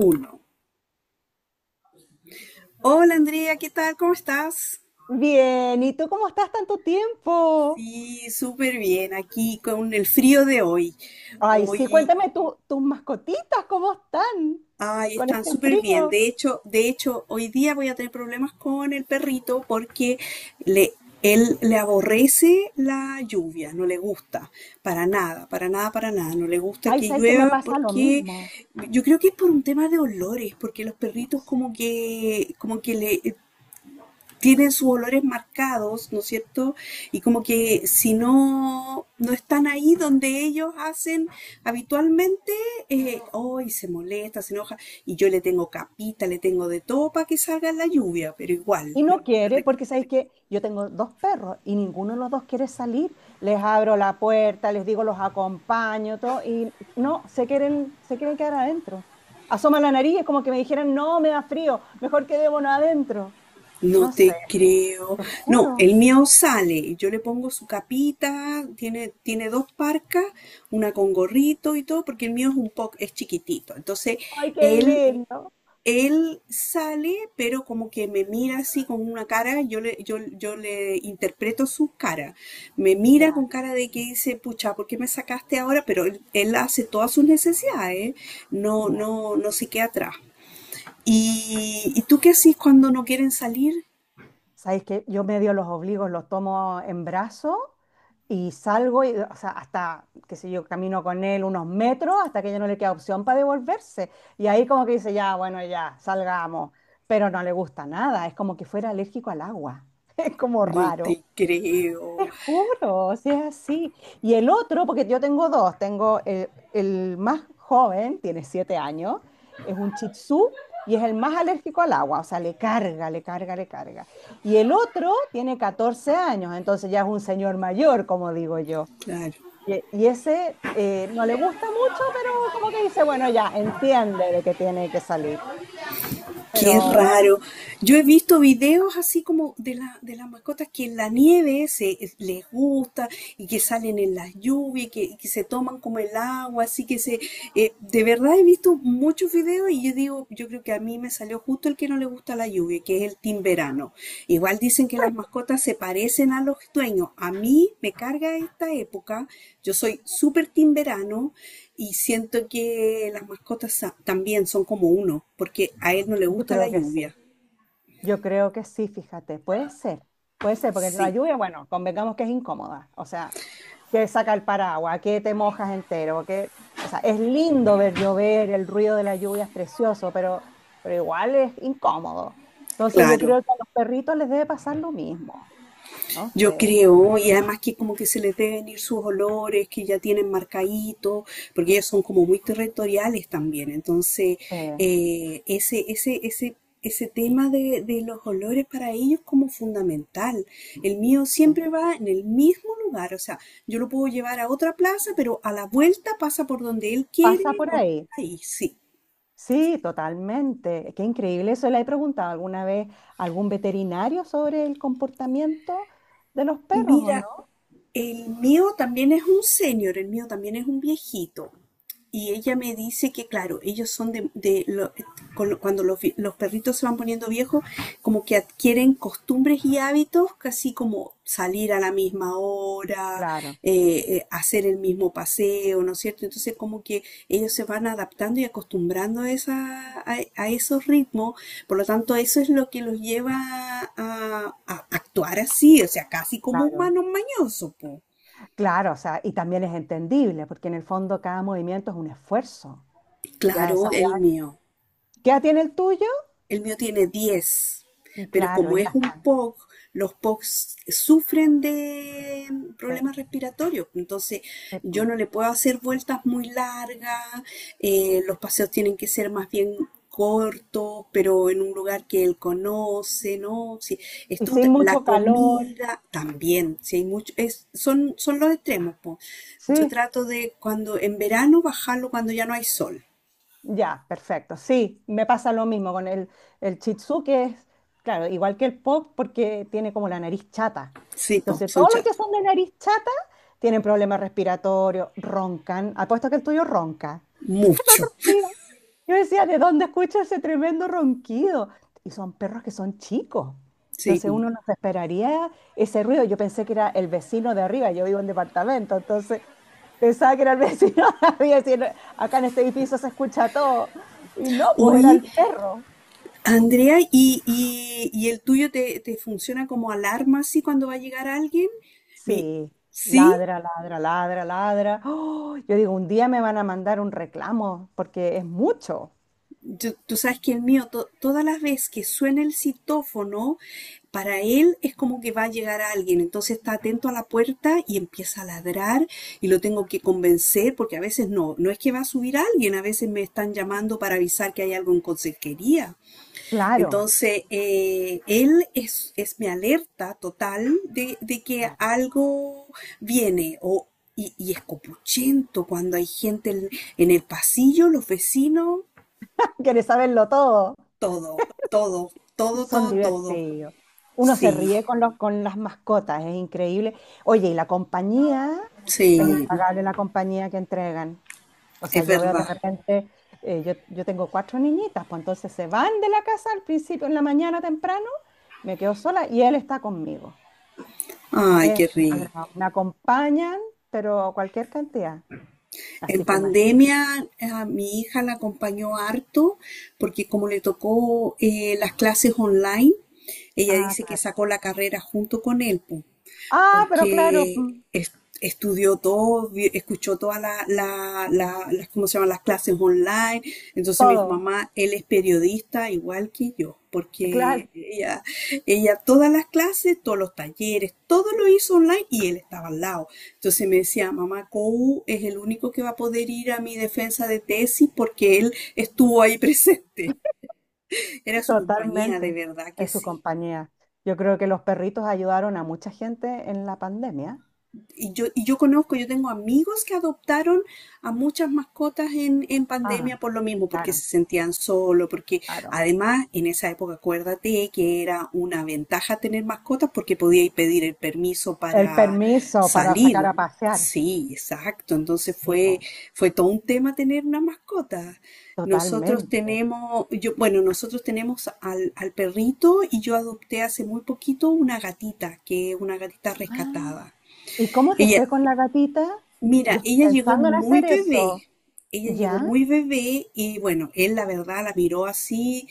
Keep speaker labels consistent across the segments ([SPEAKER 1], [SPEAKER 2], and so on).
[SPEAKER 1] Uno. Hola Andrea, ¿qué tal? ¿Cómo estás?
[SPEAKER 2] Bien, ¿y tú cómo estás tanto tiempo?
[SPEAKER 1] Sí, súper bien. Aquí con el frío de hoy.
[SPEAKER 2] Ay, sí,
[SPEAKER 1] Hoy,
[SPEAKER 2] cuéntame tus mascotitas, ¿cómo están
[SPEAKER 1] ay,
[SPEAKER 2] con
[SPEAKER 1] están
[SPEAKER 2] este
[SPEAKER 1] súper bien.
[SPEAKER 2] frío?
[SPEAKER 1] De hecho, hoy día voy a tener problemas con el perrito porque le, él le aborrece la lluvia, no le gusta para nada, para nada, para nada. No le gusta
[SPEAKER 2] Ay,
[SPEAKER 1] que
[SPEAKER 2] ¿sabes que me
[SPEAKER 1] llueva
[SPEAKER 2] pasa lo
[SPEAKER 1] porque
[SPEAKER 2] mismo?
[SPEAKER 1] yo creo que es por un tema de olores, porque los
[SPEAKER 2] No
[SPEAKER 1] perritos
[SPEAKER 2] sé.
[SPEAKER 1] como que le tienen sus olores marcados, ¿no es cierto? Y como que si no están ahí donde ellos hacen habitualmente, hoy se molesta, se enoja, y yo le tengo capita, le tengo de todo para que salga en la lluvia, pero igual,
[SPEAKER 2] Y no quiere, porque ¿sabes que yo tengo dos perros y ninguno de los dos quiere salir? Les abro la puerta, les digo los acompaño, todo, y no, se quieren quedar adentro. Asoma la nariz, es como que me dijeran, no, me da frío, mejor quedémonos adentro.
[SPEAKER 1] no
[SPEAKER 2] No sé,
[SPEAKER 1] te creo.
[SPEAKER 2] te
[SPEAKER 1] No,
[SPEAKER 2] juro.
[SPEAKER 1] el mío sale, yo le pongo su capita, tiene dos parcas, una con gorrito y todo, porque el mío es un poco, es chiquitito. Entonces,
[SPEAKER 2] Ay, qué
[SPEAKER 1] él
[SPEAKER 2] lindo.
[SPEAKER 1] él sale, pero como que me mira así con una cara, yo le interpreto su cara. Me mira
[SPEAKER 2] Ya.
[SPEAKER 1] con cara de que dice, pucha, ¿por qué me sacaste ahora? Pero él hace todas sus necesidades,
[SPEAKER 2] Ya.
[SPEAKER 1] no se queda atrás. ¿Y tú qué haces cuando no quieren salir?
[SPEAKER 2] Sabéis que yo medio los obligo, los tomo en brazos y salgo, y, o sea, hasta, qué sé yo, camino con él unos metros hasta que ya no le queda opción para devolverse. Y ahí como que dice, ya, bueno, ya, salgamos. Pero no le gusta nada, es como que fuera alérgico al agua. Es como
[SPEAKER 1] No te
[SPEAKER 2] raro.
[SPEAKER 1] creo.
[SPEAKER 2] Te juro, o sea, sí. Y el otro, porque yo tengo dos, tengo el más joven, tiene siete años, es un Shih Tzu y es el más alérgico al agua, o sea, le carga, le carga, le carga. Y el otro tiene 14 años, entonces ya es un señor mayor, como digo yo.
[SPEAKER 1] Claro.
[SPEAKER 2] Y ese no le gusta mucho, pero como que dice, bueno, ya entiende de que tiene que salir.
[SPEAKER 1] Qué
[SPEAKER 2] Pero bueno,
[SPEAKER 1] raro. Yo he visto videos así como de las mascotas que en la nieve se les gusta y que salen en las lluvias, que se toman como el agua, así que se... de verdad he visto muchos videos y yo digo, yo creo que a mí me salió justo el que no le gusta la lluvia, que es el timberano. Igual dicen que las mascotas se parecen a los dueños. A mí me carga esta época. Yo soy súper timberano y siento que también son como uno, porque a él no le
[SPEAKER 2] yo
[SPEAKER 1] gusta la
[SPEAKER 2] creo que sí.
[SPEAKER 1] lluvia.
[SPEAKER 2] Yo creo que sí, fíjate, puede ser, porque la
[SPEAKER 1] Sí,
[SPEAKER 2] lluvia, bueno, convengamos que es incómoda, o sea, que saca el paraguas, que te mojas entero, que, o sea, es lindo ver llover, el ruido de la lluvia es precioso, pero igual es incómodo. Entonces yo
[SPEAKER 1] claro.
[SPEAKER 2] creo que a los perritos les debe pasar lo mismo, ¿no
[SPEAKER 1] Yo
[SPEAKER 2] sé?
[SPEAKER 1] creo, y además que como que se les deben ir sus olores, que ya tienen marcaditos, porque ellos son como muy territoriales también. Entonces,
[SPEAKER 2] Sí,
[SPEAKER 1] eh, ese, ese, ese, ese tema de los olores para ellos como fundamental. El mío
[SPEAKER 2] sí.
[SPEAKER 1] siempre va en el mismo lugar, o sea, yo lo puedo llevar a otra plaza, pero a la vuelta pasa por donde él
[SPEAKER 2] Pasa
[SPEAKER 1] quiere,
[SPEAKER 2] por
[SPEAKER 1] donde
[SPEAKER 2] ahí.
[SPEAKER 1] está ahí, sí.
[SPEAKER 2] Sí, totalmente. Qué increíble eso. ¿Le he preguntado alguna vez a algún veterinario sobre el comportamiento de los perros o
[SPEAKER 1] Mira,
[SPEAKER 2] no?
[SPEAKER 1] el mío también es un señor, el mío también es un viejito. Y ella me dice que, claro, ellos son de lo- cuando los perritos se van poniendo viejos, como que adquieren costumbres y hábitos, casi como salir a la misma hora,
[SPEAKER 2] Claro.
[SPEAKER 1] hacer el mismo paseo, ¿no es cierto? Entonces, como que ellos se van adaptando y acostumbrando a esos ritmos, por lo tanto, eso es lo que los lleva a actuar así, o sea, casi como
[SPEAKER 2] Claro,
[SPEAKER 1] humanos mañosos, po.
[SPEAKER 2] claro, o sea, y también es entendible, porque en el fondo cada movimiento es un esfuerzo. Ya a esa
[SPEAKER 1] Claro, el
[SPEAKER 2] edad.
[SPEAKER 1] mío.
[SPEAKER 2] ¿Qué edad tiene el tuyo?
[SPEAKER 1] El mío tiene 10, pero
[SPEAKER 2] Claro,
[SPEAKER 1] como
[SPEAKER 2] ya
[SPEAKER 1] es un
[SPEAKER 2] está.
[SPEAKER 1] POC, los POCs sufren de
[SPEAKER 2] Sí,
[SPEAKER 1] problemas respiratorios, entonces
[SPEAKER 2] sí,
[SPEAKER 1] yo
[SPEAKER 2] pum.
[SPEAKER 1] no le puedo hacer vueltas muy largas, los paseos tienen que ser más bien cortos, pero en un lugar que él conoce, ¿no? Sí,
[SPEAKER 2] Y
[SPEAKER 1] esto,
[SPEAKER 2] sin
[SPEAKER 1] la
[SPEAKER 2] mucho calor.
[SPEAKER 1] comida también, si hay mucho, son los extremos, po. Yo
[SPEAKER 2] Sí,
[SPEAKER 1] trato de cuando en verano bajarlo cuando ya no hay sol.
[SPEAKER 2] ya, perfecto. Sí, me pasa lo mismo con el Shih Tzu, que es, claro, igual que el pop, porque tiene como la nariz chata.
[SPEAKER 1] Sí, po,
[SPEAKER 2] Entonces,
[SPEAKER 1] son
[SPEAKER 2] todos los que
[SPEAKER 1] chatos.
[SPEAKER 2] son de nariz chata tienen problemas respiratorios, roncan. Apuesto que el tuyo ronca.
[SPEAKER 1] Mucho.
[SPEAKER 2] Yo decía, ¿de dónde escucho ese tremendo ronquido? Y son perros que son chicos.
[SPEAKER 1] Sí,
[SPEAKER 2] Entonces
[SPEAKER 1] po.
[SPEAKER 2] uno no se esperaría ese ruido. Yo pensé que era el vecino de arriba. Yo vivo en departamento, entonces pensaba que era el vecino de arriba. Y decía, "No, acá en este edificio se escucha todo". Y no, pues era
[SPEAKER 1] Oye,
[SPEAKER 2] el perro.
[SPEAKER 1] Andrea, y el tuyo te funciona como alarma así cuando va a llegar alguien? Mi,
[SPEAKER 2] Sí,
[SPEAKER 1] sí,
[SPEAKER 2] ladra, ladra, ladra, ladra. ¡Oh! Yo digo, un día me van a mandar un reclamo porque es mucho.
[SPEAKER 1] tú sabes que el mío, todas las veces que suena el citófono, para él es como que va a llegar alguien. Entonces está atento a la puerta y empieza a ladrar y lo tengo que convencer porque a veces no es que va a subir alguien, a veces me están llamando para avisar que hay algo en consejería.
[SPEAKER 2] Claro,
[SPEAKER 1] Entonces, es mi alerta total de que algo viene y es copuchento cuando hay gente en el pasillo, los vecinos,
[SPEAKER 2] quiere saberlo todo.
[SPEAKER 1] todo, todo, todo,
[SPEAKER 2] Son
[SPEAKER 1] todo, todo.
[SPEAKER 2] divertidos. Uno se
[SPEAKER 1] Sí,
[SPEAKER 2] ríe con con las mascotas, es increíble. Oye, y la compañía,
[SPEAKER 1] sí,
[SPEAKER 2] es impagable la compañía que entregan. O sea,
[SPEAKER 1] es
[SPEAKER 2] yo veo de
[SPEAKER 1] verdad.
[SPEAKER 2] repente, yo tengo cuatro niñitas, pues entonces se van de la casa al principio, en la mañana temprano, me quedo sola y él está conmigo.
[SPEAKER 1] Ay,
[SPEAKER 2] Es
[SPEAKER 1] qué
[SPEAKER 2] una
[SPEAKER 1] rico.
[SPEAKER 2] brava. Me acompañan, pero cualquier cantidad.
[SPEAKER 1] En
[SPEAKER 2] Así que imagínate.
[SPEAKER 1] pandemia a mi hija la acompañó harto porque como le tocó las clases online, ella
[SPEAKER 2] Ah,
[SPEAKER 1] dice que
[SPEAKER 2] claro.
[SPEAKER 1] sacó la carrera junto con él, po.
[SPEAKER 2] Ah, pero claro,
[SPEAKER 1] porque
[SPEAKER 2] mm,
[SPEAKER 1] es- estudió todo, escuchó todas las, ¿cómo se llaman? Las clases online. Entonces me dijo,
[SPEAKER 2] todo.
[SPEAKER 1] mamá, él es periodista igual que yo,
[SPEAKER 2] Claro.
[SPEAKER 1] porque ella todas las clases, todos los talleres, todo lo hizo online y él estaba al lado. Entonces me decía, mamá, Kou es el único que va a poder ir a mi defensa de tesis porque él estuvo ahí presente. Era su compañía, de
[SPEAKER 2] Totalmente,
[SPEAKER 1] verdad que
[SPEAKER 2] en su
[SPEAKER 1] sí.
[SPEAKER 2] compañía. Yo creo que los perritos ayudaron a mucha gente en la pandemia.
[SPEAKER 1] Y yo conozco, yo tengo amigos que adoptaron a muchas mascotas en pandemia
[SPEAKER 2] Ah,
[SPEAKER 1] por lo mismo, porque
[SPEAKER 2] claro,
[SPEAKER 1] se sentían solo, porque
[SPEAKER 2] claro.
[SPEAKER 1] además en esa época acuérdate que era una ventaja tener mascotas porque podíais pedir el permiso
[SPEAKER 2] El
[SPEAKER 1] para
[SPEAKER 2] permiso para sacar
[SPEAKER 1] salir.
[SPEAKER 2] a pasear.
[SPEAKER 1] Sí, exacto.
[SPEAKER 2] Sí, po,
[SPEAKER 1] Fue todo un tema tener una mascota.
[SPEAKER 2] totalmente.
[SPEAKER 1] Bueno, nosotros tenemos al perrito y yo adopté hace muy poquito una gatita, que es una gatita
[SPEAKER 2] Ah,
[SPEAKER 1] rescatada.
[SPEAKER 2] ¿y cómo te
[SPEAKER 1] Ella,
[SPEAKER 2] fue con la gatita? Yo
[SPEAKER 1] Mira,
[SPEAKER 2] estoy
[SPEAKER 1] ella llegó
[SPEAKER 2] pensando en
[SPEAKER 1] muy
[SPEAKER 2] hacer
[SPEAKER 1] bebé.
[SPEAKER 2] eso.
[SPEAKER 1] Ella llegó
[SPEAKER 2] ¿Ya?
[SPEAKER 1] muy bebé y bueno, él la verdad la miró así,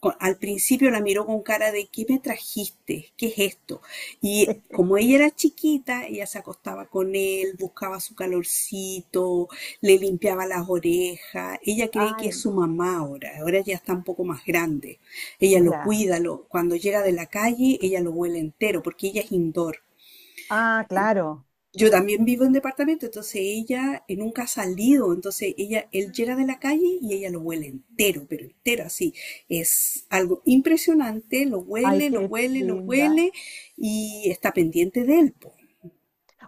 [SPEAKER 1] al principio la miró con cara de ¿qué me trajiste? ¿Qué es esto? Y como ella era chiquita, ella se acostaba con él, buscaba su calorcito, le limpiaba las orejas. Ella cree que
[SPEAKER 2] Ay,
[SPEAKER 1] es su mamá ahora, ahora ya está un poco más grande. Ella
[SPEAKER 2] no.
[SPEAKER 1] lo
[SPEAKER 2] Ya.
[SPEAKER 1] cuida, cuando llega de la calle, ella lo huele entero porque ella es indoor.
[SPEAKER 2] Ah, claro.
[SPEAKER 1] Yo también vivo en departamento, entonces ella nunca ha salido, entonces ella, él llega de la calle y ella lo huele entero, pero entero así. Es algo impresionante, lo
[SPEAKER 2] Ay,
[SPEAKER 1] huele, lo
[SPEAKER 2] qué
[SPEAKER 1] huele, lo
[SPEAKER 2] linda.
[SPEAKER 1] huele y está pendiente de él, po.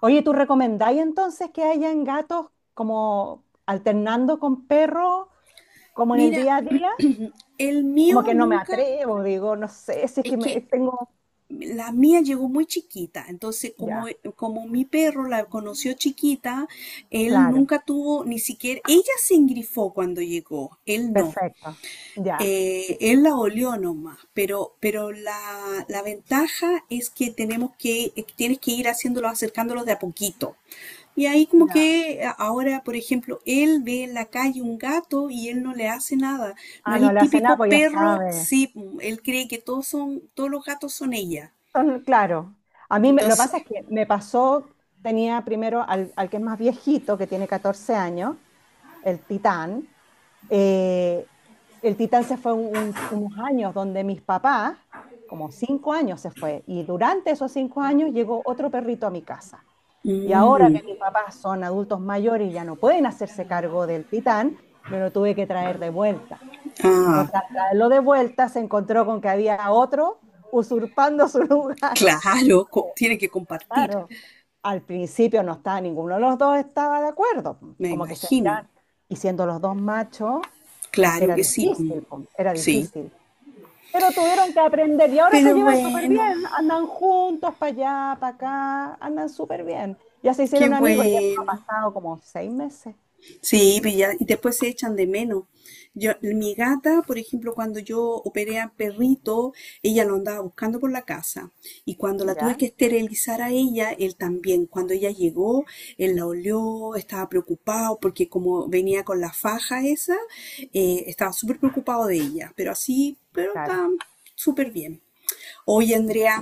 [SPEAKER 2] Oye, ¿tú recomendáis entonces que hayan gatos como alternando con perros, como en el
[SPEAKER 1] Mira,
[SPEAKER 2] día a día?
[SPEAKER 1] el mío
[SPEAKER 2] Como que no me
[SPEAKER 1] nunca,
[SPEAKER 2] atrevo, digo, no sé, si es
[SPEAKER 1] es
[SPEAKER 2] que me
[SPEAKER 1] que
[SPEAKER 2] tengo.
[SPEAKER 1] la mía llegó muy chiquita, entonces
[SPEAKER 2] Ya,
[SPEAKER 1] como mi perro la conoció chiquita, él
[SPEAKER 2] claro,
[SPEAKER 1] nunca tuvo ni siquiera, ella se engrifó cuando llegó, él no.
[SPEAKER 2] perfecto. Ya,
[SPEAKER 1] Él la olió nomás, pero la ventaja es que tenemos que, tienes que ir haciéndolos, acercándolos de a poquito. Y ahí como
[SPEAKER 2] ya.
[SPEAKER 1] que ahora, por ejemplo, él ve en la calle un gato y él no le hace nada. No
[SPEAKER 2] Ah,
[SPEAKER 1] es
[SPEAKER 2] no
[SPEAKER 1] el
[SPEAKER 2] le hace nada,
[SPEAKER 1] típico
[SPEAKER 2] pues ya
[SPEAKER 1] perro,
[SPEAKER 2] sabe.
[SPEAKER 1] sí, mm, él cree que todos son, todos los gatos son ella.
[SPEAKER 2] Son- claro. A mí me- lo que
[SPEAKER 1] Entonces,
[SPEAKER 2] pasa es que me pasó, tenía primero al que es más viejito, que tiene 14 años, el Titán. Eh, el Titán se fue unos años donde mis papás, como cinco años se fue, y durante esos cinco años llegó otro perrito a mi casa. Y ahora
[SPEAKER 1] mm,
[SPEAKER 2] que mis papás son adultos mayores y ya no pueden hacerse cargo del Titán, me lo tuve que traer de vuelta.
[SPEAKER 1] ah,
[SPEAKER 2] Entonces, al traerlo de vuelta, se encontró con que había otro usurpando su lugar.
[SPEAKER 1] claro, tiene que compartir,
[SPEAKER 2] Claro, al principio no estaba, ninguno de los dos estaba de acuerdo,
[SPEAKER 1] me
[SPEAKER 2] como que se
[SPEAKER 1] imagino.
[SPEAKER 2] miraban. Y siendo los dos machos,
[SPEAKER 1] Claro
[SPEAKER 2] era
[SPEAKER 1] que sí, mm,
[SPEAKER 2] difícil, po, era
[SPEAKER 1] sí.
[SPEAKER 2] difícil. Pero tuvieron que aprender y ahora se
[SPEAKER 1] Pero
[SPEAKER 2] llevan súper
[SPEAKER 1] bueno.
[SPEAKER 2] bien, andan juntos para allá, para acá, andan súper bien. Ya se
[SPEAKER 1] Qué
[SPEAKER 2] hicieron amigos, ya han
[SPEAKER 1] bueno.
[SPEAKER 2] pasado como seis meses.
[SPEAKER 1] Sí, y después se echan de menos. Yo, mi gata, por ejemplo, cuando yo operé a perrito, ella lo andaba buscando por la casa. Y cuando la tuve
[SPEAKER 2] ¿Ya?
[SPEAKER 1] que esterilizar a ella, él también. Cuando ella llegó, él la olió, estaba preocupado porque como venía con la faja esa, estaba súper preocupado de ella. Pero así, pero
[SPEAKER 2] Claro.
[SPEAKER 1] está súper bien. Oye, Andrea,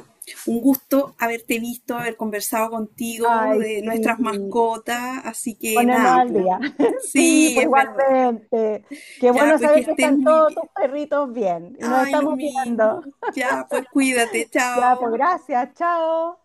[SPEAKER 1] un gusto haberte visto, haber conversado contigo
[SPEAKER 2] Ay,
[SPEAKER 1] de
[SPEAKER 2] sí,
[SPEAKER 1] nuestras mascotas, así que
[SPEAKER 2] ponernos
[SPEAKER 1] nada,
[SPEAKER 2] al
[SPEAKER 1] pues.
[SPEAKER 2] día. Sí,
[SPEAKER 1] Sí,
[SPEAKER 2] pues
[SPEAKER 1] es verdad.
[SPEAKER 2] igualmente. Qué
[SPEAKER 1] Ya,
[SPEAKER 2] bueno
[SPEAKER 1] pues que
[SPEAKER 2] saber que
[SPEAKER 1] estés
[SPEAKER 2] están
[SPEAKER 1] muy
[SPEAKER 2] todos
[SPEAKER 1] bien.
[SPEAKER 2] tus perritos bien y nos
[SPEAKER 1] Ay, lo
[SPEAKER 2] estamos viendo.
[SPEAKER 1] mismo. Ya, pues cuídate,
[SPEAKER 2] Ya, pues
[SPEAKER 1] chao.
[SPEAKER 2] gracias, chao.